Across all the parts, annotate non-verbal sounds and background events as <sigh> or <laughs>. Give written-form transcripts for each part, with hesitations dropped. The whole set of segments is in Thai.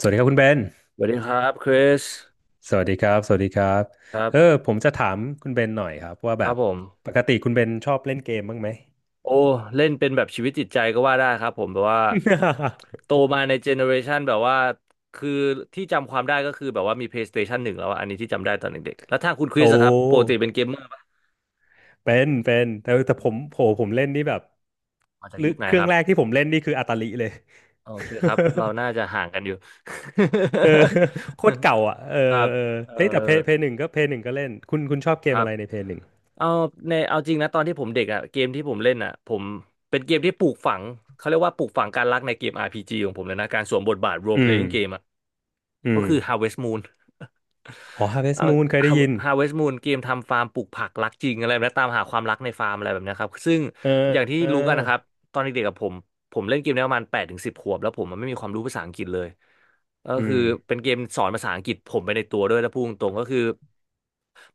สวัสดีครับคุณเบน สวัสดีครับคริสสวัสดีครับ สวัสดีครับครับผมจะถามคุณเบนหน่อยครับว่าคแบรับบผมปกติคุณเบนชอบเล่นเกมบ้างไหม โอ้เล่นเป็นแบบชีวิตจิตใจก็ว่าได้ครับผมแบบว่า <laughs> โตมาในเจเนอเรชันแบบว่าคือที่จำความได้ก็คือแบบว่ามี PlayStation 1แล้วอะอันนี้ที่จำได้ตอนเด็กๆแล้วทางคุณคริโอ้สอะครับปกติเป็นเกมเมอร์ปะเป็นเป็นแต่แต่ผมโหผมเล่นนี่แบบมาจากหรือยุคไหนเครื่คองรับแรกที่ผมเล่นนี่คืออาตาลิเลย โอเคครับเราน่าจะ <laughs> ห่างกันอยู่ เออโคตรเก่าอ่ะเอ <laughs> ครัอบเออเอ่อเฮ้ยแต่เพย์หนึ่งก็เล่นคุณชอบเกคมรัอะบ ไรในเพย์หนึ่งเอาในเอาจริงนะตอนที่ผมเด็กอ่ะเกมที่ผมเล่นอ่ะผมเป็นเกมที่ปลูกฝังเขาเรียกว่าปลูกฝังการรักในเกม RPG ของผมเลยนะการสวมบทบาท role อืม playing game อ่ะอืก็มคือ Harvest Moon อ๋อ Harvest เอา Moon เคยได้ยิ น Harvest Moon เกมทำฟาร์มปลูกผักรักจริงอะไรแบบนะตามหาความรักในฟาร์มอะไรแบบเนี้ยครับซึ่งเอออย่างที่เออรู้กันนะครับตอนเด็กๆกับผม ผมเล่นเกมนี้ประมาณ8 ถึง 10 ขวบแล้วผมมันไม่มีความรู้ภาษาอังกฤษเลยก็อืคือมเป็นเกมสอนภาษาอังกฤษผมไปในตัวด้วยแล้วพูดตรงๆก็คือ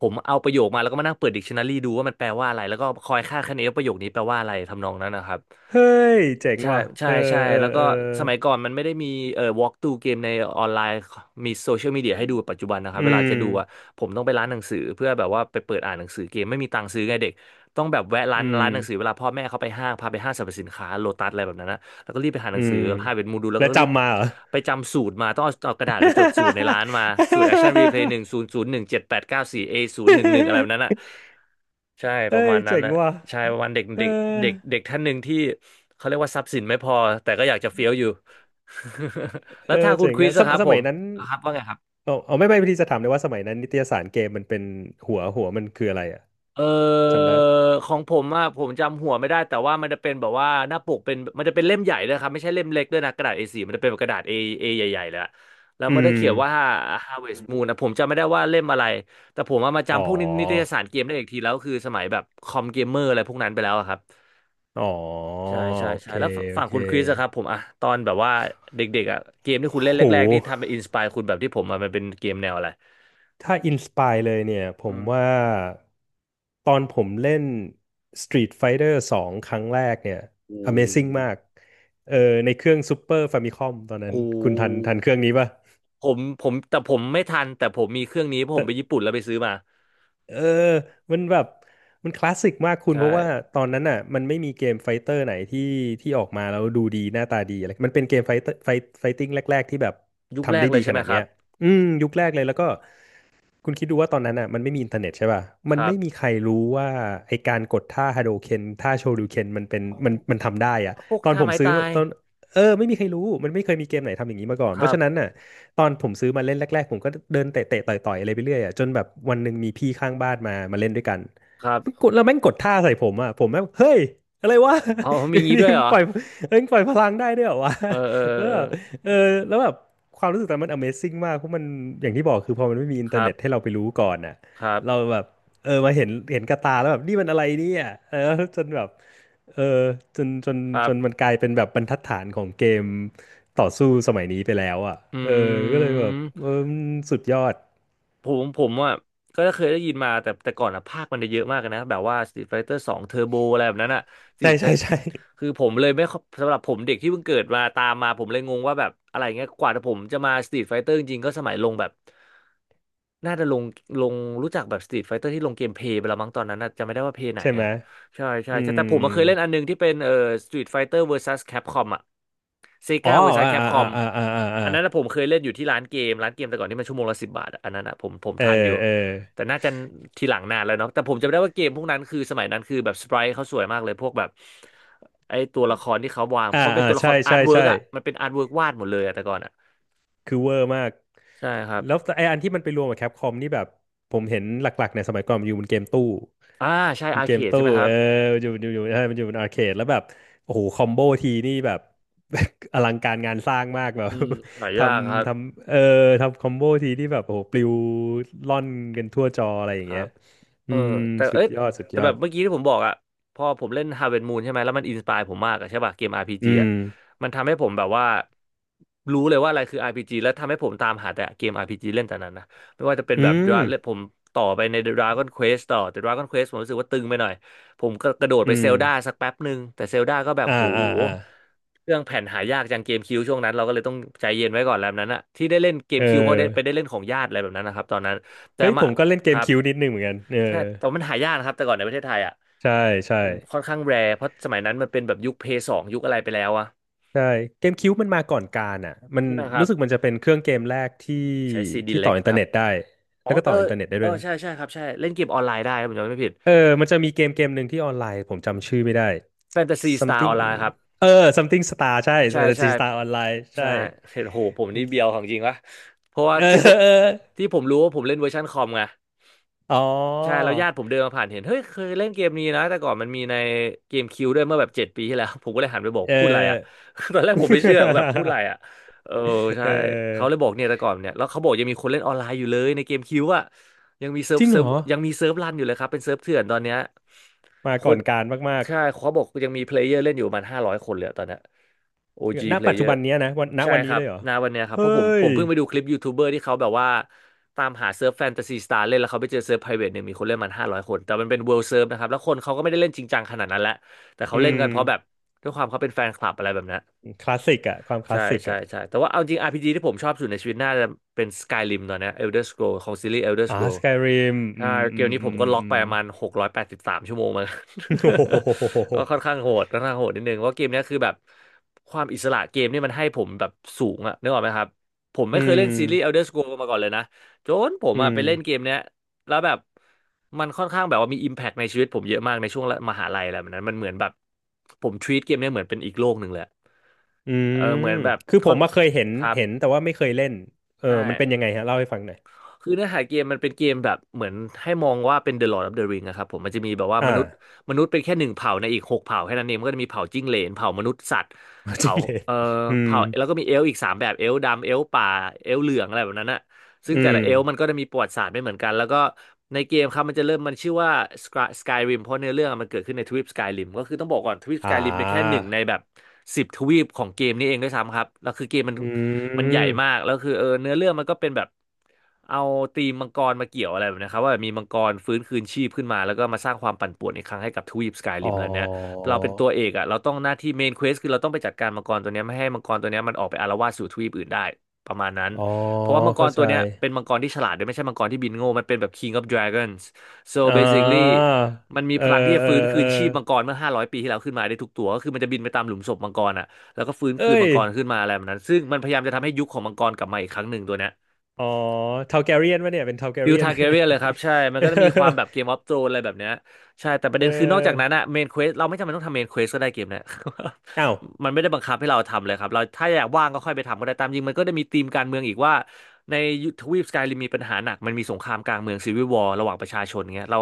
ผมเอาประโยคมาแล้วก็มานั่งเปิดดิกชันนารีดูว่ามันแปลว่าอะไรแล้วก็คอยคาดคะเนว่าประโยคนี้แปลว่าอะไรทำนองนั้นนะครับเฮ้ยเจ๋งใช่ว่ะใช่เออใช่เออแล้วก็เออ สมัยก่อนมันไม่ได้มีwalk through เกมในออนไลน์มีโซเชียลมีเดียให้ดูปัจจุบันนะครัอืบเวลามจะดูอะผมต้องไปร้านหนังสือเพื่อแบบว่าไปเปิดอ่านหนังสือเกมไม่มีตังค์ซื้อไงเด็ก ต้องแบบแวะร้าอืนมร้านหนังสือเวลาพ่อแม่เขาไปห้างพาไปห้างสรรพสินค้าโลตัสอะไรแบบนั้นนะแล้วก็รีบไปหาหอืนังสือมหาเป็นมูดูแล้วแล้วก็รีบจำมาเหรอ ไปจำสูตรมาต้องเอากระดาษไปจดสูตรในร้านมาสูตรแอคชั่น e ีเพย์หนึ่งศูนย์ศูนย์หนึ่งเจ็ดแปดเก้าสี่เอศูนย์หนึ่งหนึ่งอะไรแบบนั้นอ่ะ <laughs> ใช่ปเอ้ระยมาณนั้เจ๋นงนะว่ะใช่ประมาณเด็กเออเด็กเด็กเด็กท่านหนึ่งที่เขาเรียกว่าทรัพย์สินไม่พอแต่ก็อยากจะเฟี้ยวอยู่ <laughs> แล้เอวอถ้างคุเจ๋ณงคริอะสอะครับสผมัมยนั้นอ่ะครับว่าไงครับ เอาเอาไม่ไม่พอดีจะถามเลยว่าสมัยนั้นนิตยสารเกมมันเป็นหัวมันคืออะไรอะเออจำได้ของผมอ่ะผมจำหัวไม่ได้แต่ว่ามันจะเป็นแบบว่าหน้าปกเป็นมันจะเป็นเล่มใหญ่ด้วยครับไม่ใช่เล่มเล็กด้วยนะกระดาษ A4 มันจะเป็นแบบกระดาษ A ใหญ่ๆเลยอะแล้วอืมันก็มเขียนว่า Harvest Moon นะผมจำไม่ได้ว่าเล่มอะไรแต่ผมว่ามาอ๋อจำพวกนิตยสารเกมได้อีกทีแล้วคือสมัยแบบคอมเกมเมอร์อะไรพวกนั้นไปแล้วอะครับอ๋อโอใช่ใช่ใช่เคแล้วโอฝั่งเคคุณคริสอะครับผมอะตอนแบบว่าเด็กๆอะเกมที่คุณเล่นโห แรกๆที่ทำเป็นอินสปายคุณแบบที่ผมอะมันเป็นเกมแนวอะไรถ้าอินสปายเลยเนี่ยผอืมมว่าตอนผมเล่น Street Fighter 2ครั้งแรกเนี่ย กู Amazing มากเออในเครื่อง Super Famicom ตอนนั้นกู คุณทันเครื่องนี้ป่ะผมแต่ผมไม่ทันแต่ผมมีเครื่องนี้เพราะผมไปญี่ปุ่นแล้วไปซื้อมาเออมันแบบมันคลาสสิกมากคุณใช่เพราะว่าตอนนั้นอ่ะมันไม่มีเกมไฟเตอร์ไหนที่ที่ออกมาแล้วดูดีหน้าตาดีอะไรมันเป็นเกมไฟเตอร์ไฟไฟติ้งแรกๆที่แบบยุคแรทำกได้เลดียใช่ขไหมนาดคเนี้รัยบอืมยุคแรกเลยแล้วก็ คุณคิดดูว่าตอนนั้นอ่ะมันไม่มีอินเทอร์เน็ตใช่ป่ะ คมันรัไม่มีบใครรู้ว่าไอการกดท่าฮาโดเคนท่าโชริวเคนมันเป็นอ๋อมันมันทำได้อ่ะพวกตอนท่าผมไม้ซื้อตามายตอนเออไม่มีใครรู้มันไม่เคยมีเกมไหนทำอย่างนี้มาก่อนคเพรัราะบฉะนั้นน่ะตอนผมซื้อมาเล่นแรกๆผมก็เดินเตะๆต่อยๆอะไรไปเรื่อยอ่ะจนแบบวันหนึ่งมีพี่ข้างบ้านมาเล่นด้วยกัน ครับกดแล้วแม่งกดท่าใส่ผมอ่ะผมแม่งเฮ้ยอะไรวะ อ๋อมีงี้ <laughs> นี่ด้วยมึเหรงอปล่อยเอ้ยมึงปล่อยพลังได้ด้วยเหรอวะ เออเออ <laughs> แล้วเออแบบเออแล้วแบบความรู้สึกตอนนั้นมัน Amazing มากเพราะมันอย่างที่บอกคือพอมันไม่มีอินคเทอร์รัเน็ตให้บเราไปรู้ก่อนอ่ะครัเราบแบบเออมาเห็นเห็นกับตาแล้วแบบนี่มันอะไรเนี่ยเออจนแบบเออจนจนครัจนมันบกลายเป็นแบบบรรทัดฐานของเกมต่อสู้สมัยนี้ไปแล้วอ่ะเอออืก็เลยแบบม เออมันสุดยอดผมอ่ะก็เคยได้ยินมาแต่แต่ก่อนอ่ะภาคมันจะเยอะมากเลยนะแบบว่า Street Fighter 2 Turbo อะไรแบบนั้นอ่ะสิใช่ใช่ใช่คือผมเลยไม่ค่อยสำหรับผมเด็กที่เพิ่งเกิดมาตามมาผมเลยงงว่าแบบอะไรเงี้ยกว่าผมจะมา Street Fighter จริงๆก็สมัยลงแบบน่าจะลงลงรู้จักแบบ Street Fighter ที่ลงเกมเพลย์ไปแล้วมั้งตอนนั้นนะจำไม่ได้ว่าเพลย์ไหนใช่ไหมอ่ะใช่ใช่อืใช่ม แต่ผมมาเคยเล่นอันหนึงที่เป็นStreet Fighter vs Capcom อ่ะ อ๋อ Sega vs อ่าอ่าอ่า Capcom อ่าอ่าอ่าอ่าอันนั้นนะผมเคยเล่นอยู่ที่ร้านเกมแต่ก่อนที่มันชั่วโมงละ10 บาทอะอันนั้นอะผมเออทันอยู่เออแต่น่าจะทีหลังนานแล้วเนาะแต่ผมจำได้ว่าเกมพวกนั้นคือสมัยนั้นคือแบบสไปรท์เขาสวยมากเลยพวกแบบไอตัวละครที่เขาวางอ่าเพราะเป็นอ่าตัวละคใช่รอาใช่ร์ตเวิร์ใช่ กอ่ะมันเป็นอาร์ตเวิร์กวาดหมดเลยอะแต่ก่อนอ่ะคือเวอร์มาก ใช่ครับแล้วไออันที่มันไปรวมกับแคปคอมนี่แบบผมเห็นหลักๆเนี่ยสมัยก่อนมันอยู่บนเกมตู้อ่าใช่มันอาร์เกเคมดใช่ตู้ไหมคเอรับอมันอยู่ใช่มันอยู่บนอาร์เคดแล้วแบบโอ้โหคอมโบทีนี่แบบ <laughs> อลังการงานสร้างมากแบบ อืมหา <laughs> ทยากครับำทำเออทำคอมโบทีที่แบบโอ้โหปลิวล่อนกันทั่วจออะไรอคย่างรัเงี้ยบ เออือมแต่สุเอ้ดยยอดสุดแต่ยอแบดบเมื่อกี้ที่ผมบอกอะพอผมเล่น Harvest Moon ใช่ไหมแล้วมันอินสปายผมมากอะใช่ป่ะเกม RPG อือะมมันทำให้ผมแบบว่ารู้เลยว่าอะไรคือ RPG แล้วทำให้ผมตามหาแต่เกม RPG เล่นแต่นั้นนะไม่ว่าจะเป็นอืแบบ ม ผมต่อไปใน Dragon Quest ต่อแต่ Dragon Quest ผมรู้สึกว่าตึงไปหน่อยผมก็กระโดดไปอืเซม ลดาสักแป๊บหนึ่งแต่เซลดาก็แบบอ่าโหอ่าอ่าเครื่องแผ่นหายากจังเกมคิวช่วงนั้นเราก็เลยต้องใจเย็นไว้ก่อนแล้วนั้นอะที่ได้เล่นเกเอมคิวเพราะได้ไปอได้เล่นของญาติอะไรแบบนั้นนะครับตอนนั้นแต่เฮ้ยผมามก็เล่นเกคมรับ คิวนิดนึงเหมือนกันเออใช่ แต่ว่ามันหายากนะครับ แต่ก่อนในประเทศไทยอ่ะใช่ใช่มันค่อนข้างแรร์เพราะสมัยนั้นมันเป็นแบบยุคเพย์สองยุคอะไรไปแล้วอะใช่เกมคิวมันมาก่อนการอ่ะมันใช่ไหมครัรู้บ สึกมันจะเป็นเครื่องเกมแรกที่ใช้ซีดีที่เล็ต่อกอินเทอคร์รับเน็ตได้อ๋อแล้วก็เอต่อออินเทอร์เน็ตได้เอด้อวยนะใช่ใช่ครับใช่เล่นเกมออนไลน์ได้ครับผมจำไม่ผิดเออมันจะมีเกมหนึ่งที่ออนไลน์ผมจำชื่อไม่ได้ แฟนตาซีสตาร์ออ something นไลน์ครับเออ something star ใช่ ใช่ใช่ strategy star ออนไลน์ใช่ใช่เห็นโหผมเป็นี่นเบียวของจริงวะ เพราะว่าเออที่ผมเออรู้ว่าผมเล่นเวอร์ชันคอมไง อ๋อใช่แล้วญาติผมเดินมาผ่านเห็นเฮ้ยเคยเล่นเกมนี้นะแต่ก่อนมันมีในเกมคิวด้วยเมื่อแบบ7 ปีที่แล้ว <laughs> ผมก็เลยหันไปบอกเอพูดอะไรอ่ะ อ <laughs> ตอนแรกผมไม่เชื่อว่าแบบพูดอะไร <laughs> อ่ะเออเอใช่เขาเลอยบอกเนี่ยแต่ก่อนเนี่ยแล้วเขาบอกยังมีคนเล่นออนไลน์อยู่เลยในเกมคิวอ่ะยังมีเซิร์จฟริงเซิเหรร์ฟอยังมีเซิร์ฟรันอยู่เลยครับเป็นเซิร์ฟเถื่อนตอนเนี้ยมาคก่อน นการมาก ใช่เขาบอกยังมีเพลเยอร์เล่นอยู่ประมาณห้าร้อยคนเลยอะตอนเนี้ย คือ OG ณปัจจุ player บันเนี้ยนะวันณใช่วันคนี้รัเลบยเหรอณวันเนี้ยครับเฮ้เพราะผมผยมเพิ่งไปดูคลิปยูทูบเบอร์ที่เขาแบบว่าตามหาเซิร์ฟแฟนตาซีสตาร์เล่นแล้วเขาไปเจอเซิร์ฟไพรเวทหนึ่งมีคนเล่นมันห้าร้อยคนแต่มันเป็นเวิลด์เซิร์ฟนะครับแล้วคนเขาก็ไม่ได้เล่นจริงจังขนาดนั้นแหละแต่อืเขาเล่นมกันเพราะแบบด้วยความเขาเป็นแฟนคลับอะไรแบบนั้น คลาสสิกอะความคใช่ลาสสิกใช่อะใช่แต่ว่าเอาจริง RPG ที่ผมชอบสุดในชีวิตน่าจะเป็น Skyrim ตอนเนี้ย Elder Scroll ของซีรีส์ Elder อ่า Scroll สกายริมอืใช่มเกอืมมนี้อืผมมก็ล็อกอืไปม ประมาณ683 ชั่วโมงมา <laughs> โอ้ <laughs> โหก็ค่อนข้างโหดค่อนข้างโหดนิดนึงเพราะเกมเนี้ยคือแบบความอิสระเกมนี่มันให้ผมแบบสูงอะนึกออกไหมครับผมอืไม่เคยเล่นซีรีส์ ม Elder Scroll มาก่อนเลยนะจนผมอือะมไปเล่นเกมเนี้ย แล้วแบบมันค่อนข้างแบบว่ามีอิมแพคในชีวิตผมเยอะมากในช่วงมหาลัยอะไรแบบนั้นมันเหมือนแบบผม treat เกมเนี้ยเหมือนเป็นอีกโลกหนึ่งเลยอืเออมเหมือนแบบคือผค่อนมมาเคยเห็นครับเห็นแต่ว่าไม่เคยเล่นเออใช่มันเป็นยังไงฮะเล่าให้ฟังหน่อยคือเนื้อหาเกมมันเป็นเกมแบบเหมือนให้มองว่าเป็น The Lord of the Ring นะครับผมมันจะมีแบบว่าอ่า มนุษย์เป็นแค่หนึ่งเผ่าในอีก6 เผ่าแค่นั้นเองมันก็จะมีเผ่าจิ้งเหลนเผ่ามนุษย์สัตว์ <laughs> จเผ่าริ้งเหลนเอ่ออืมเผ่าแล้วก็มีเอลฟ์อีกสามแบบเอลฟ์ดำเอลฟ์ป่าเอลฟ์เหลืองอะไรแบบนั้นอะ ซึ่งอืแต่ละมเอลฟ์มันก็จะมีประวัติศาสตร์ไม่เหมือนกันแล้วก็ในเกมครับมันจะเริ่มมันชื่อว่า Skyrim เพราะเนื้อเรื่องอะมันเกิดขึ้นในทวีป Skyrim ก็คือต้องบอกก่อนทวีป อ่ Skyrim เป็นแค่หานึ่งในแบบ10 ทวีปของเกมนี้เองด้วยซ้ำครับแล้วคือเกมมันอืมันใหญ่มามกแล้วคือเออเนื้อเรื่องมันก็เป็นแบบเอาธีมมังกรมาเกี่ยวอะไรแบบนี้ครับว่าแบบมีมังกรฟื้นคืนชีพขึ้นมาแล้วก็มาสร้างความปั่นป่วนอีกครั้งให้กับทวีปสกายอ๋ริอมแล้วเนี้ยเราเป็นตัวเอกอ่ะเราต้องหน้าที่เมนเควสคือเราต้องไปจัดการมังกรตัวเนี้ยไม่ให้มังกรตัวเนี้ยมันออกไปอาละวาดสู่ทวีปอื่นได้ประมาณนั้น อ๋อเพราะว่ามังกเข้ารตัใจวเนี้ยเป็นมังกรที่ฉลาดด้วยไม่ใช่มังกรที่บินโง่มันเป็นแบบ King of Dragons so อ่ basically ามันมีเอพลังที่อจะเออฟื้นคืเออ นชีพมังกรเมื่อ500ปีที่แล้วขึ้นมาได้ทุกตัวก็คือมันจะบินไปตามหลุมศพมังกรอ่ะแล้วก็ฟื้นเอ้คืนมัยงกรขึ้นมาอะไรแบบนั้นซึ่งมันพยายามจะทำให้ยุคของมังกรกลับมาอีกครั้งหนึ่งตัวเนี้ย อ๋อทาลแกเรียนวะเนี่ยเป็นทาลแก <laughs> ฟิลเรียน ทาร์แกเรียนเลยครับใช่มัน <laughs> ก็จะมีความแบบเกมอเอฟโ r รนอะไรแบบเนี้ยใช่แต่ประเด็นคือนอกจากนั้นอออะเมนเควสเราไม่จำเป็นต้องทำเมนเควสก็ได้เกมเนี้ย อ้าว <laughs> มันไม่ได้บังคับให้เราทำเลยครับเราถ้าอยากว่างก็ค่อยไปทำก็ได้ตามจริงมันก็ได้มีธีมการเมืองอีกว่าในทวีปสกายริมมีปัญหาหนักมันมีสงครามกลางเมืองซีวิววอร์ระหว่างประชาชนเงี้ยเรา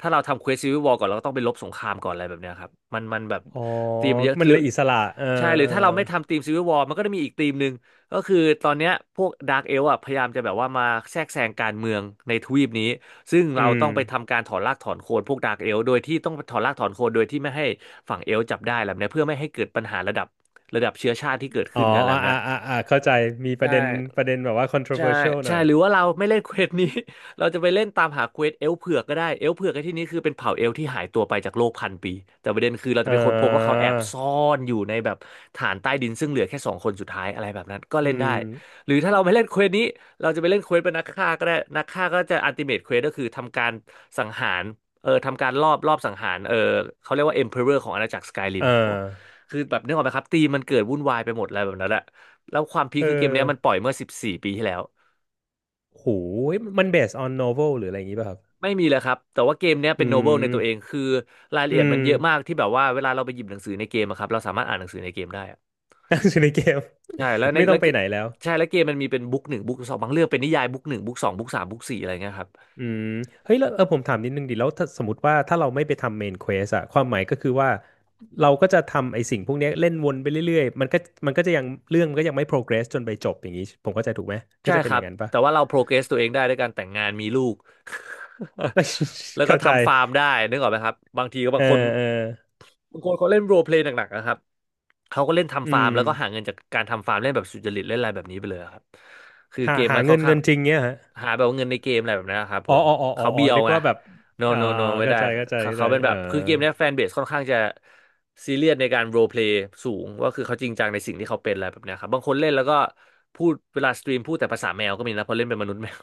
ถ้าเราทำเควสซีวิววอร์ก่อนเราก็ต้องไปลบสงครามก่อนอะไรแบบเนี้ยครับมันแบบอ๋อธีมมันเยอะมัหนรืเลอยอิสระเออใช่หรือเออถ้าเราไม่ทำธีมซีวิววอร์มันก็จะมีอีกธีมหนึ่ง ก็คือตอนเนี้ยพวกดาร์กเอลฟ์อ่ะพยายามจะแบบว่ามาแทรกแซงการเมืองในทวีปนี้ซึ่งอืเราต้มองไปทำการถอนรากถอนโคนพวกดาร์กเอลฟ์โดยที่ต้องถอนรากถอนโคนโดยที่ไม่ให้ฝั่งเอลฟ์จับได้แล้วเนี่ยเพื่อไม่ให้เกิดปัญหาระดับระดับเชื้อชาติที่เกิดอ๋อขึ้นกันแล้อ่าวนะ อ่าอ่าอ่าเข้าใจ มีปใช่ระเด็นประเด็นแบบว่า ใช่ controversial หน่ใช่อยหรือว่าเราไม่เล่นเควสนี้ <laughs> เราจะไปเล่นตามหาเควสเอลฟ์เผือกก็ได้เอลฟ์เผือกในที่นี้คือเป็นเผ่าเอลฟ์ที่หายตัวไปจากโลกพันปีแต่ประเด็นคือเราจะเอไปค้นพบว่าเขาอแอบซ่อนอยู่ในแบบฐานใต้ดินซึ่งเหลือแค่สองคนสุดท้ายอะไรแบบนั้นก็อืเล่นได้มหรือถ้าเราไม่เล่นเควสนี้เราจะไปเล่นเควสเป็นนักฆ่าก็ได้นักฆ่าก็จะอัลติเมทเควสก็คือทำการสังหารเออทำการรอบสังหารเออเขาเรียกว่าเอ็มเพอเรอร์ของอาณาจักรสกายริเออมโอ้คือแบบนึกออกไหมครับตีมมันเกิดวุ่นวายไปหมดอะไรแบบนั้นแหละ แล้วความพีคเอคือเกมอเนี้ยมันปล่อยเมื่อ14ปีที่แล้วโหยมัน based on novel หรืออะไรอย่างงี้ป่ะครับไม่มีเลยครับแต่ว่าเกมเนี้ยอืเป็นโนเบิลในตัวเองมคือรายละอืเอียดมันม เยอะมากที่แบบว่าเวลาเราไปหยิบหนังสือในเกมอะครับเราสามารถอ่านหนังสือในเกมได้อะ <laughs> ตั้งอยู่ในเกม ใช่แล้ว <laughs> ในไม่ต้อแล้งวไปเกมไหนแล้ว ใช่แล้วเกมมันมีเป็นบุ๊กหนึ่งบุ๊กสองบางเรื่องเป็นนิยายบุ๊กหนึ่งบุ๊กสองบุ๊กสามบุ๊กสี่อะไรเงี้ยครับอืมเฮ้ยแล้วเออผมถามนิดนึงดิแล้วถ้าสมมติว่าถ้าเราไม่ไปทำเมนเควสอะความหมายก็คือว่าเราก็จะทำไอ้สิ่งพวกเนี้ยเล่นวนไปเรื่อยๆมันก็จะยังเรื่องมันก็ยังไม่โปรเกรสจนไปจบอย่างนี้ผมเข้าใจถูกไหมก็ใช่จะเป็คนอรับย่างนั้นปะ แต่ว่าเราโปรเกรสตัวเองได้ด้วยการแต่งงานมีลูก <laughs> <laughs> แล้วก็เข้าใจทำฟาร์มได้นึกออกไหมครับบางทีก็เอบางอคน เออบางคนเขาเล่นโรลเพลย์หนักๆนะครับเขาก็เล่นอืทำฟาร์มมแล้วก็หาเงินจากการทำฟาร์มเล่นแบบสุจริตเล่นอะไรแบบนี้ไปเลยอะครับคือหาเกมมันค่อนข้าเงิงนจริงเนี้ยฮะหาแบบเงินในเกมอะไรแบบนั้นนะครับผอ๋อมอ๋ออ๋ออ๋อเขาอ๋อเบียวนึกไง ว่าแบบ no อ่า no no อ่าไม่เข้าได้ใจเข้าใจเขาเข้าใจเขาเป็นแบเออบคือเกมเนี้ยแฟนเบสค่อนข้างจะซีเรียสในการโรลเพลย์สูงว่าคือเขาจริงจังในสิ่งที่เขาเป็นอะไรแบบเนี้ยครับบางคนเล่นแล้วก็พูดเวลาสตรีมพูดแต่ภาษาแมวก็มีนะเพราะเล่นเป็นมนุษย์แมว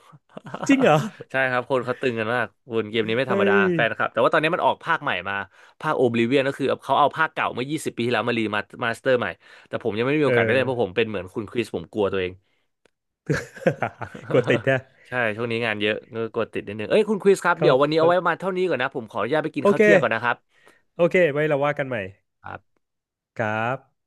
จริงเหรอ <laughs> ใช่ครับคนเขาตึงกันมากวนเกมนี้ไม่ธรเฮ้รมดายแฟนครับแต่ว่าตอนนี้มันออกภาคใหม่มา ภาคโอบลิเวียนก็คือเขาเอาภาคเก่าเมื่อ 20 ปีที่แล้วมารีมามาสเตอร์ใหม่ แต่ผมยังไม่มีโอเอกาสได้อ เล่นเพราะผมเป็นเหมือนคุณคริสผมกลัวตัวเอง <laughs> กดติด <laughs> แท้ใช่ช่วงนี้งานเยอะก็กลัวติดนิดนึงเอ้ยคุณคริสครับเขาเดี๋ยววันนี้เอาเขาไว้ประมาณเท่านี้ก่อนนะผมขออนุญาตไปกินโอข้าวเคเที่ยงก่อนนะครับโอเคไว้เราว่ากันใหม่ครับ